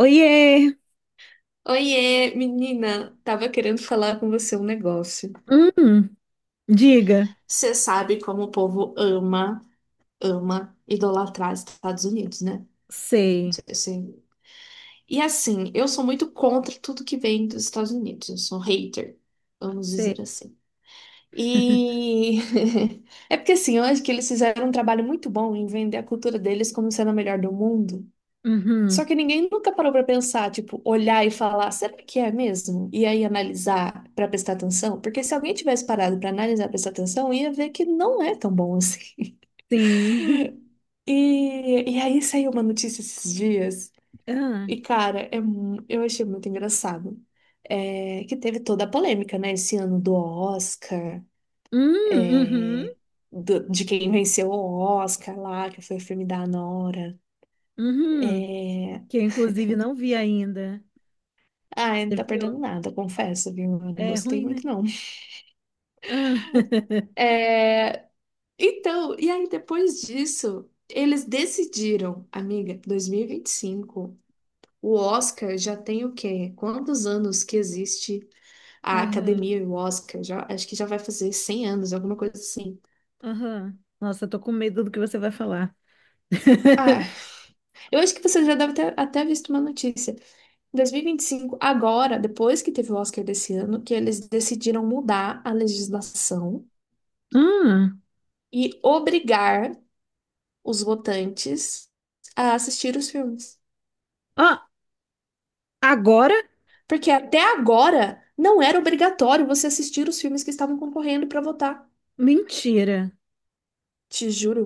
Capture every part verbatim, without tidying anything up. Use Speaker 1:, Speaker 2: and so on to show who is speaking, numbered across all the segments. Speaker 1: Oiê!
Speaker 2: Oiê, menina, tava querendo falar com você um negócio.
Speaker 1: Hum. Diga.
Speaker 2: Você sabe como o povo ama, ama idolatrar os Estados Unidos, né? Não
Speaker 1: Sei,
Speaker 2: sei se- E assim, eu sou muito contra tudo que vem dos Estados Unidos. Eu sou hater, vamos dizer
Speaker 1: sei.
Speaker 2: assim. E é porque assim, eu acho que eles fizeram um trabalho muito bom em vender a cultura deles como sendo a melhor do mundo. Só
Speaker 1: Uhum,
Speaker 2: que ninguém nunca parou pra pensar, tipo, olhar e falar, será que é mesmo? E aí analisar pra prestar atenção, porque se alguém tivesse parado pra analisar, prestar atenção, ia ver que não é tão bom assim.
Speaker 1: sim.
Speaker 2: E, e aí saiu uma notícia esses dias,
Speaker 1: Ah,
Speaker 2: e cara, é mu- eu achei muito engraçado. É, que teve toda a polêmica, né, esse ano do Oscar,
Speaker 1: hum, uhum,
Speaker 2: é, do- de quem venceu o Oscar lá, que foi o filme da Nora.
Speaker 1: uhum.
Speaker 2: É,
Speaker 1: Que eu, inclusive, não vi ainda.
Speaker 2: ah, não
Speaker 1: Você
Speaker 2: tá
Speaker 1: viu?
Speaker 2: perdendo nada, confesso, viu? Eu não
Speaker 1: É
Speaker 2: gostei
Speaker 1: ruim, né?
Speaker 2: muito, não.
Speaker 1: Ah.
Speaker 2: É, então, e aí depois disso, eles decidiram, amiga, dois mil e vinte e cinco, o Oscar já tem o quê? Quantos anos que existe a
Speaker 1: Aham,
Speaker 2: academia e o Oscar? Já, acho que já vai fazer cem anos, alguma coisa assim.
Speaker 1: aham. Nossa, eu tô com medo do que você vai falar.
Speaker 2: Ah, eu acho que você já deve ter até visto uma notícia. dois mil e vinte e cinco, agora, depois que teve o Oscar desse ano, que eles decidiram mudar a legislação
Speaker 1: Hum.
Speaker 2: e obrigar os votantes a assistir os filmes.
Speaker 1: Ó, agora?
Speaker 2: Porque até agora não era obrigatório você assistir os filmes que estavam concorrendo para votar.
Speaker 1: Mentira.
Speaker 2: Te juro.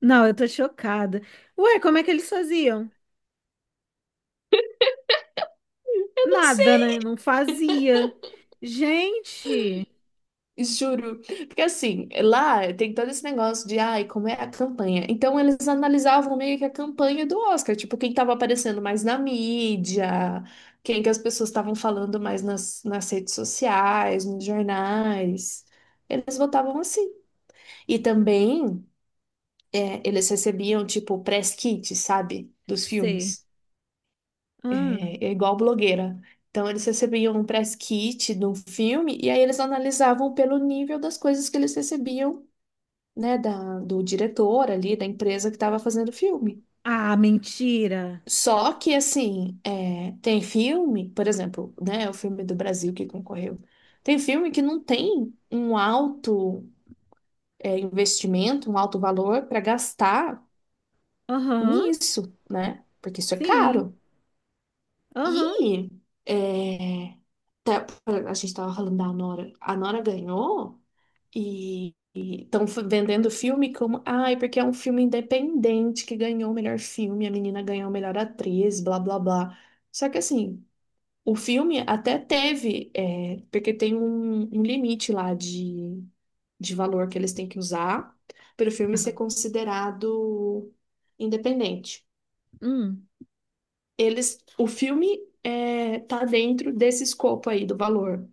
Speaker 1: Não, eu tô chocada. Ué, como é que eles faziam? Nada, né? Não fazia. Gente.
Speaker 2: Juro. Porque assim, lá tem todo esse negócio de, ai, como é a campanha. Então eles analisavam meio que a campanha do Oscar, tipo, quem tava aparecendo mais na mídia, quem que as pessoas estavam falando mais nas, nas redes sociais, nos jornais. Eles votavam assim. E também é, eles recebiam, tipo, press kit, sabe? Dos
Speaker 1: Sei.
Speaker 2: filmes.
Speaker 1: Ah,
Speaker 2: é é igual blogueira. Então, eles recebiam um press kit de um filme e aí eles analisavam pelo nível das coisas que eles recebiam, né, da, do diretor ali, da empresa que estava fazendo o filme.
Speaker 1: ah, mentira.
Speaker 2: Só que, assim, é, tem filme, por exemplo, né, o filme do Brasil que concorreu, tem filme que não tem um alto, é, investimento, um alto valor para gastar
Speaker 1: Aham,
Speaker 2: nisso, né? Porque isso é
Speaker 1: sim.
Speaker 2: caro.
Speaker 1: Aham.
Speaker 2: E é, tá- a gente estava falando da Nora. A Nora ganhou e estão vendendo o filme como, ai, porque é um filme independente que ganhou o melhor filme, a menina ganhou a melhor atriz, blá blá blá. Só que assim, o filme até teve, é, porque tem um, um limite lá de, de valor que eles têm que usar para o filme ser considerado independente
Speaker 1: Hum.
Speaker 2: eles, o filme é, tá dentro desse escopo aí do valor.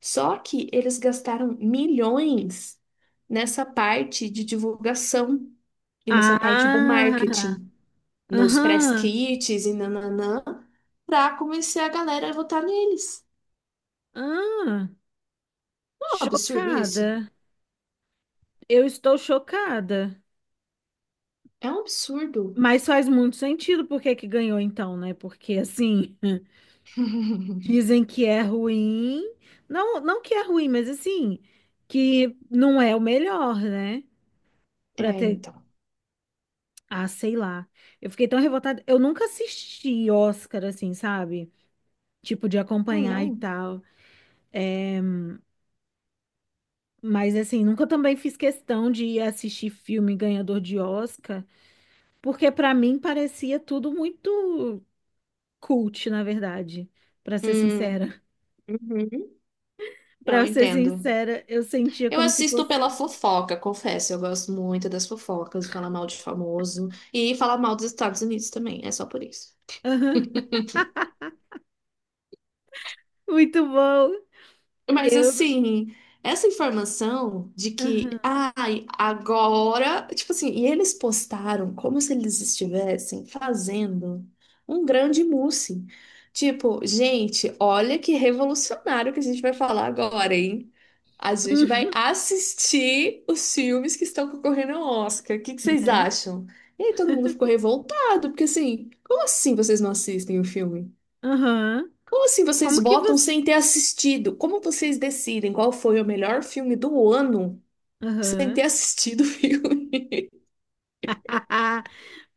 Speaker 2: Só que eles gastaram milhões nessa parte de divulgação e nessa parte do
Speaker 1: Ah,
Speaker 2: marketing, nos press
Speaker 1: aham.
Speaker 2: kits e nananã, pra convencer a galera a votar neles.
Speaker 1: Ah,
Speaker 2: É um absurdo isso.
Speaker 1: chocada. Eu estou chocada.
Speaker 2: É um absurdo.
Speaker 1: Mas faz muito sentido por que que ganhou então, né? Porque assim, dizem que é ruim. Não, não que é ruim, mas assim, que não é o melhor, né?
Speaker 2: É,
Speaker 1: Pra ter,
Speaker 2: então.
Speaker 1: ah, sei lá. Eu fiquei tão revoltada. Eu nunca assisti Oscar assim, sabe? Tipo, de
Speaker 2: Ah,
Speaker 1: acompanhar e
Speaker 2: não.
Speaker 1: tal. É, mas assim, nunca também fiz questão de ir assistir filme ganhador de Oscar, porque pra mim parecia tudo muito cult, na verdade. Pra ser
Speaker 2: Hum,
Speaker 1: sincera.
Speaker 2: uhum. Eu
Speaker 1: Pra ser
Speaker 2: entendo.
Speaker 1: sincera, eu sentia
Speaker 2: Eu
Speaker 1: como se
Speaker 2: assisto pela
Speaker 1: fosse,
Speaker 2: fofoca, confesso. Eu gosto muito das fofocas, de falar mal de famoso e falar mal dos Estados Unidos também. É só por isso.
Speaker 1: aham, muito bom.
Speaker 2: Mas
Speaker 1: Eu,
Speaker 2: assim, essa informação de que,
Speaker 1: aham,
Speaker 2: ai, agora, tipo assim, e eles postaram como se eles estivessem fazendo um grande mousse. Tipo, gente, olha que revolucionário que a gente vai falar agora, hein? A gente vai
Speaker 1: uhum,
Speaker 2: assistir os filmes que estão concorrendo ao Oscar. O que que vocês
Speaker 1: né?
Speaker 2: acham? E aí todo mundo ficou revoltado, porque assim, como assim vocês não assistem o filme?
Speaker 1: Aham.
Speaker 2: Como assim vocês
Speaker 1: Como que
Speaker 2: votam
Speaker 1: você?
Speaker 2: sem ter assistido? Como vocês decidem qual foi o melhor filme do ano sem ter
Speaker 1: Aham.
Speaker 2: assistido o filme?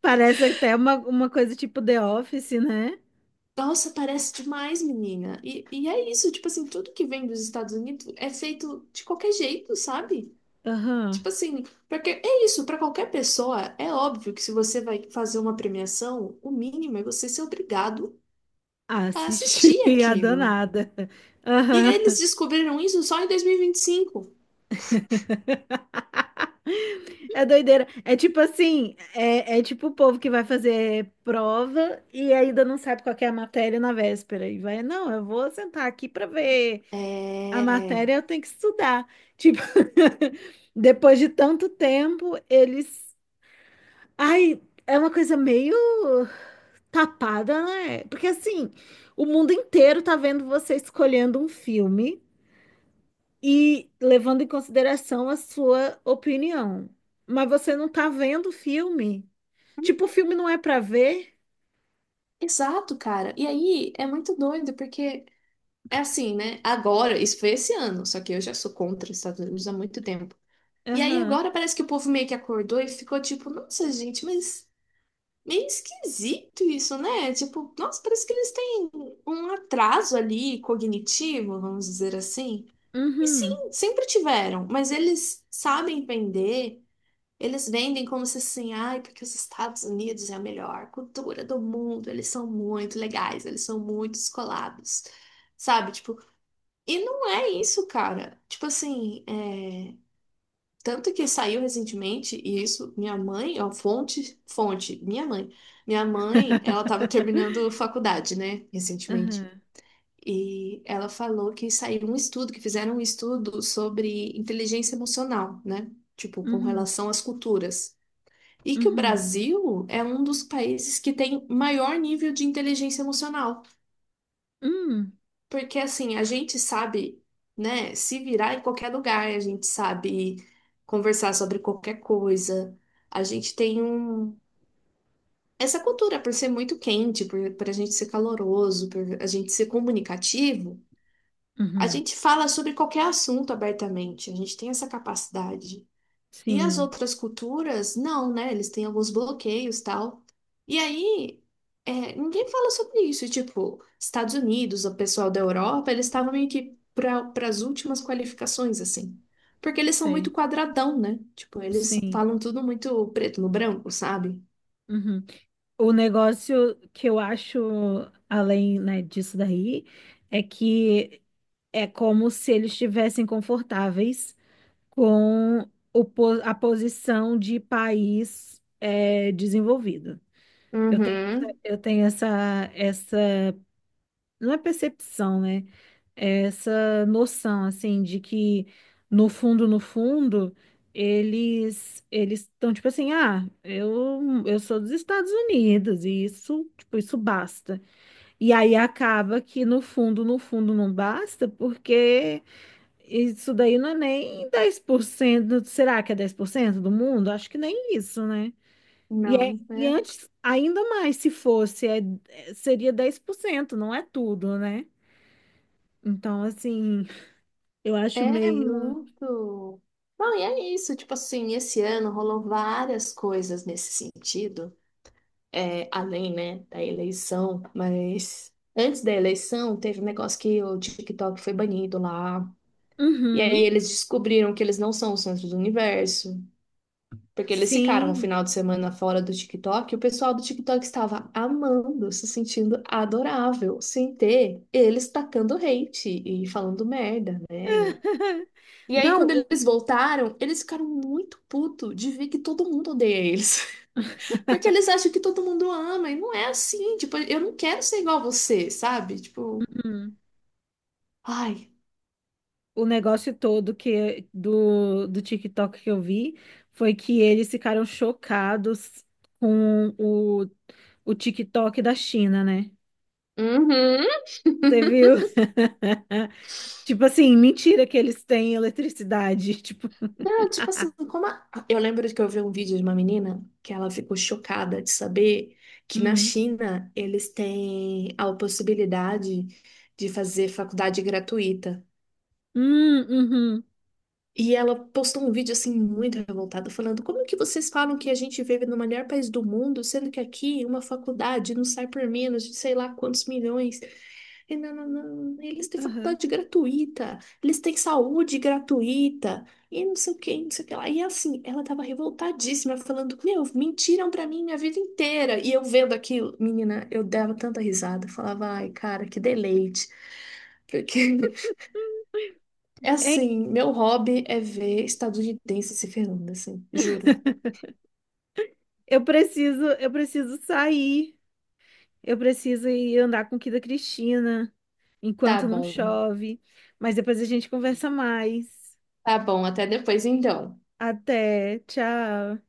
Speaker 1: Parece até uma, uma coisa tipo The Office, né?
Speaker 2: Nossa, parece demais, menina. E, e é isso, tipo assim, tudo que vem dos Estados Unidos é feito de qualquer jeito, sabe?
Speaker 1: Aham.
Speaker 2: Tipo assim, porque é isso, para qualquer pessoa, é óbvio que se você vai fazer uma premiação, o mínimo é você ser obrigado a
Speaker 1: Assisti
Speaker 2: assistir
Speaker 1: a
Speaker 2: aquilo.
Speaker 1: danada.
Speaker 2: E
Speaker 1: Aham.
Speaker 2: eles descobriram isso só em dois mil e e vinte e cinco?
Speaker 1: É doideira. É tipo assim, é, é tipo o povo que vai fazer prova e ainda não sabe qual que é a matéria na véspera. E vai, não, eu vou sentar aqui pra ver
Speaker 2: É.
Speaker 1: a
Speaker 2: é.
Speaker 1: matéria, eu tenho que estudar. Tipo, depois de tanto tempo, eles. Ai, é uma coisa meio tapada, né? Porque assim, o mundo inteiro tá vendo você escolhendo um filme e levando em consideração a sua opinião. Mas você não tá vendo o filme. Tipo, o filme não é pra ver?
Speaker 2: Exato, cara. E aí é muito doido, porque é assim, né? Agora, isso foi esse ano, só que eu já sou contra os Estados Unidos há muito tempo. E aí
Speaker 1: Aham.
Speaker 2: agora parece que o povo meio que acordou e ficou tipo, nossa, gente, mas meio esquisito isso, né? Tipo, nossa, parece que eles têm um atraso ali cognitivo, vamos dizer assim. E sim,
Speaker 1: Uhum.
Speaker 2: sempre tiveram, mas eles sabem vender. Eles vendem como se assim, ai, porque os Estados Unidos é a melhor cultura do mundo, eles são muito legais, eles são muito descolados, sabe? Tipo, e não é isso, cara. Tipo assim, é... tanto que saiu recentemente, e isso, minha mãe, ó, fonte, fonte, minha mãe. Minha mãe, ela tava terminando faculdade, né, recentemente.
Speaker 1: Aham.
Speaker 2: E ela falou que saiu um estudo, que fizeram um estudo sobre inteligência emocional, né? Tipo, com
Speaker 1: Uhum.
Speaker 2: relação às culturas. E que o
Speaker 1: Uhum.
Speaker 2: Brasil é um dos países que tem maior nível de inteligência emocional.
Speaker 1: Uhum.
Speaker 2: Porque, assim, a gente sabe, né, se virar em qualquer lugar, a gente sabe conversar sobre qualquer coisa. A gente tem um... essa cultura, por ser muito quente, por, por a gente ser caloroso, por a gente ser comunicativo, a
Speaker 1: Uhum.
Speaker 2: gente fala sobre qualquer assunto abertamente. A gente tem essa capacidade. E as
Speaker 1: Sim,
Speaker 2: outras culturas, não, né? Eles têm alguns bloqueios tal. E aí, é, ninguém fala sobre isso. E, tipo, Estados Unidos, o pessoal da Europa, eles estavam meio que para as últimas qualificações, assim. Porque eles são muito
Speaker 1: sei.
Speaker 2: quadradão, né? Tipo, eles
Speaker 1: Sim.
Speaker 2: falam tudo muito preto no branco, sabe?
Speaker 1: Uhum. O negócio que eu acho, além, né, disso daí, é que é como se eles estivessem confortáveis com o po- a posição de país eh, desenvolvido. Eu tenho, essa-
Speaker 2: Uhum.
Speaker 1: eu tenho essa, essa, não é percepção, né? É essa noção, assim, de que no fundo, no fundo, eles eles estão tipo assim, ah, eu, eu sou dos Estados Unidos e isso, tipo, isso basta. E aí acaba que no fundo, no fundo não basta, porque isso daí não é nem dez por cento, Será que é dez por cento do mundo? Acho que nem isso, né? E, é,
Speaker 2: Não,
Speaker 1: e
Speaker 2: é,
Speaker 1: antes, ainda mais se fosse, é, é- seria dez por cento, não é tudo, né? Então, assim, eu acho
Speaker 2: é
Speaker 1: meio.
Speaker 2: muito. Não, e é isso. Tipo assim, esse ano rolou várias coisas nesse sentido. É, além, né, da eleição, mas antes da eleição teve um negócio que o TikTok foi banido lá. E aí
Speaker 1: Uhum,
Speaker 2: eles descobriram que eles não são o centro do universo, porque eles ficaram o
Speaker 1: sim.
Speaker 2: final de semana fora do TikTok, e o pessoal do TikTok estava amando, se sentindo adorável, sem ter eles tacando hate e falando merda, né? E aí
Speaker 1: Não,
Speaker 2: quando
Speaker 1: o,
Speaker 2: eles voltaram, eles ficaram muito puto de ver que todo mundo odeia eles. Porque eles acham que todo mundo ama, e não é assim. Tipo, eu não quero ser igual a você, sabe? Tipo,
Speaker 1: uhum.
Speaker 2: ai.
Speaker 1: O negócio todo que do, do TikTok que eu vi foi que eles ficaram chocados com o, o TikTok da China, né?
Speaker 2: Uhum.
Speaker 1: Você viu? Tipo assim, mentira que eles têm eletricidade. Tipo,
Speaker 2: Não, tipo assim, como a- eu lembro que eu vi um vídeo de uma menina que ela ficou chocada de saber que na
Speaker 1: hum,
Speaker 2: China eles têm a possibilidade de fazer faculdade gratuita.
Speaker 1: hum, uhum,
Speaker 2: E ela postou um vídeo assim muito revoltada, falando: Como que vocês falam que a gente vive no melhor país do mundo, sendo que aqui uma faculdade não sai por menos de sei lá quantos milhões? E não, não, não, eles têm
Speaker 1: aham.
Speaker 2: faculdade gratuita, eles têm saúde gratuita, e não sei o que, não sei o que lá. E assim, ela tava revoltadíssima, falando: Meu, mentiram pra mim minha vida inteira. E eu vendo aquilo, menina, eu dava tanta risada, falava: Ai, cara, que deleite. Porque é
Speaker 1: Hein,
Speaker 2: assim, meu hobby é ver estadunidense se ferrando, assim, juro.
Speaker 1: eu preciso, eu preciso sair. Eu preciso ir andar com o Kida Cristina
Speaker 2: Tá
Speaker 1: enquanto não
Speaker 2: bom,
Speaker 1: chove. Mas depois a gente conversa mais.
Speaker 2: tá bom, até depois então.
Speaker 1: Até, tchau.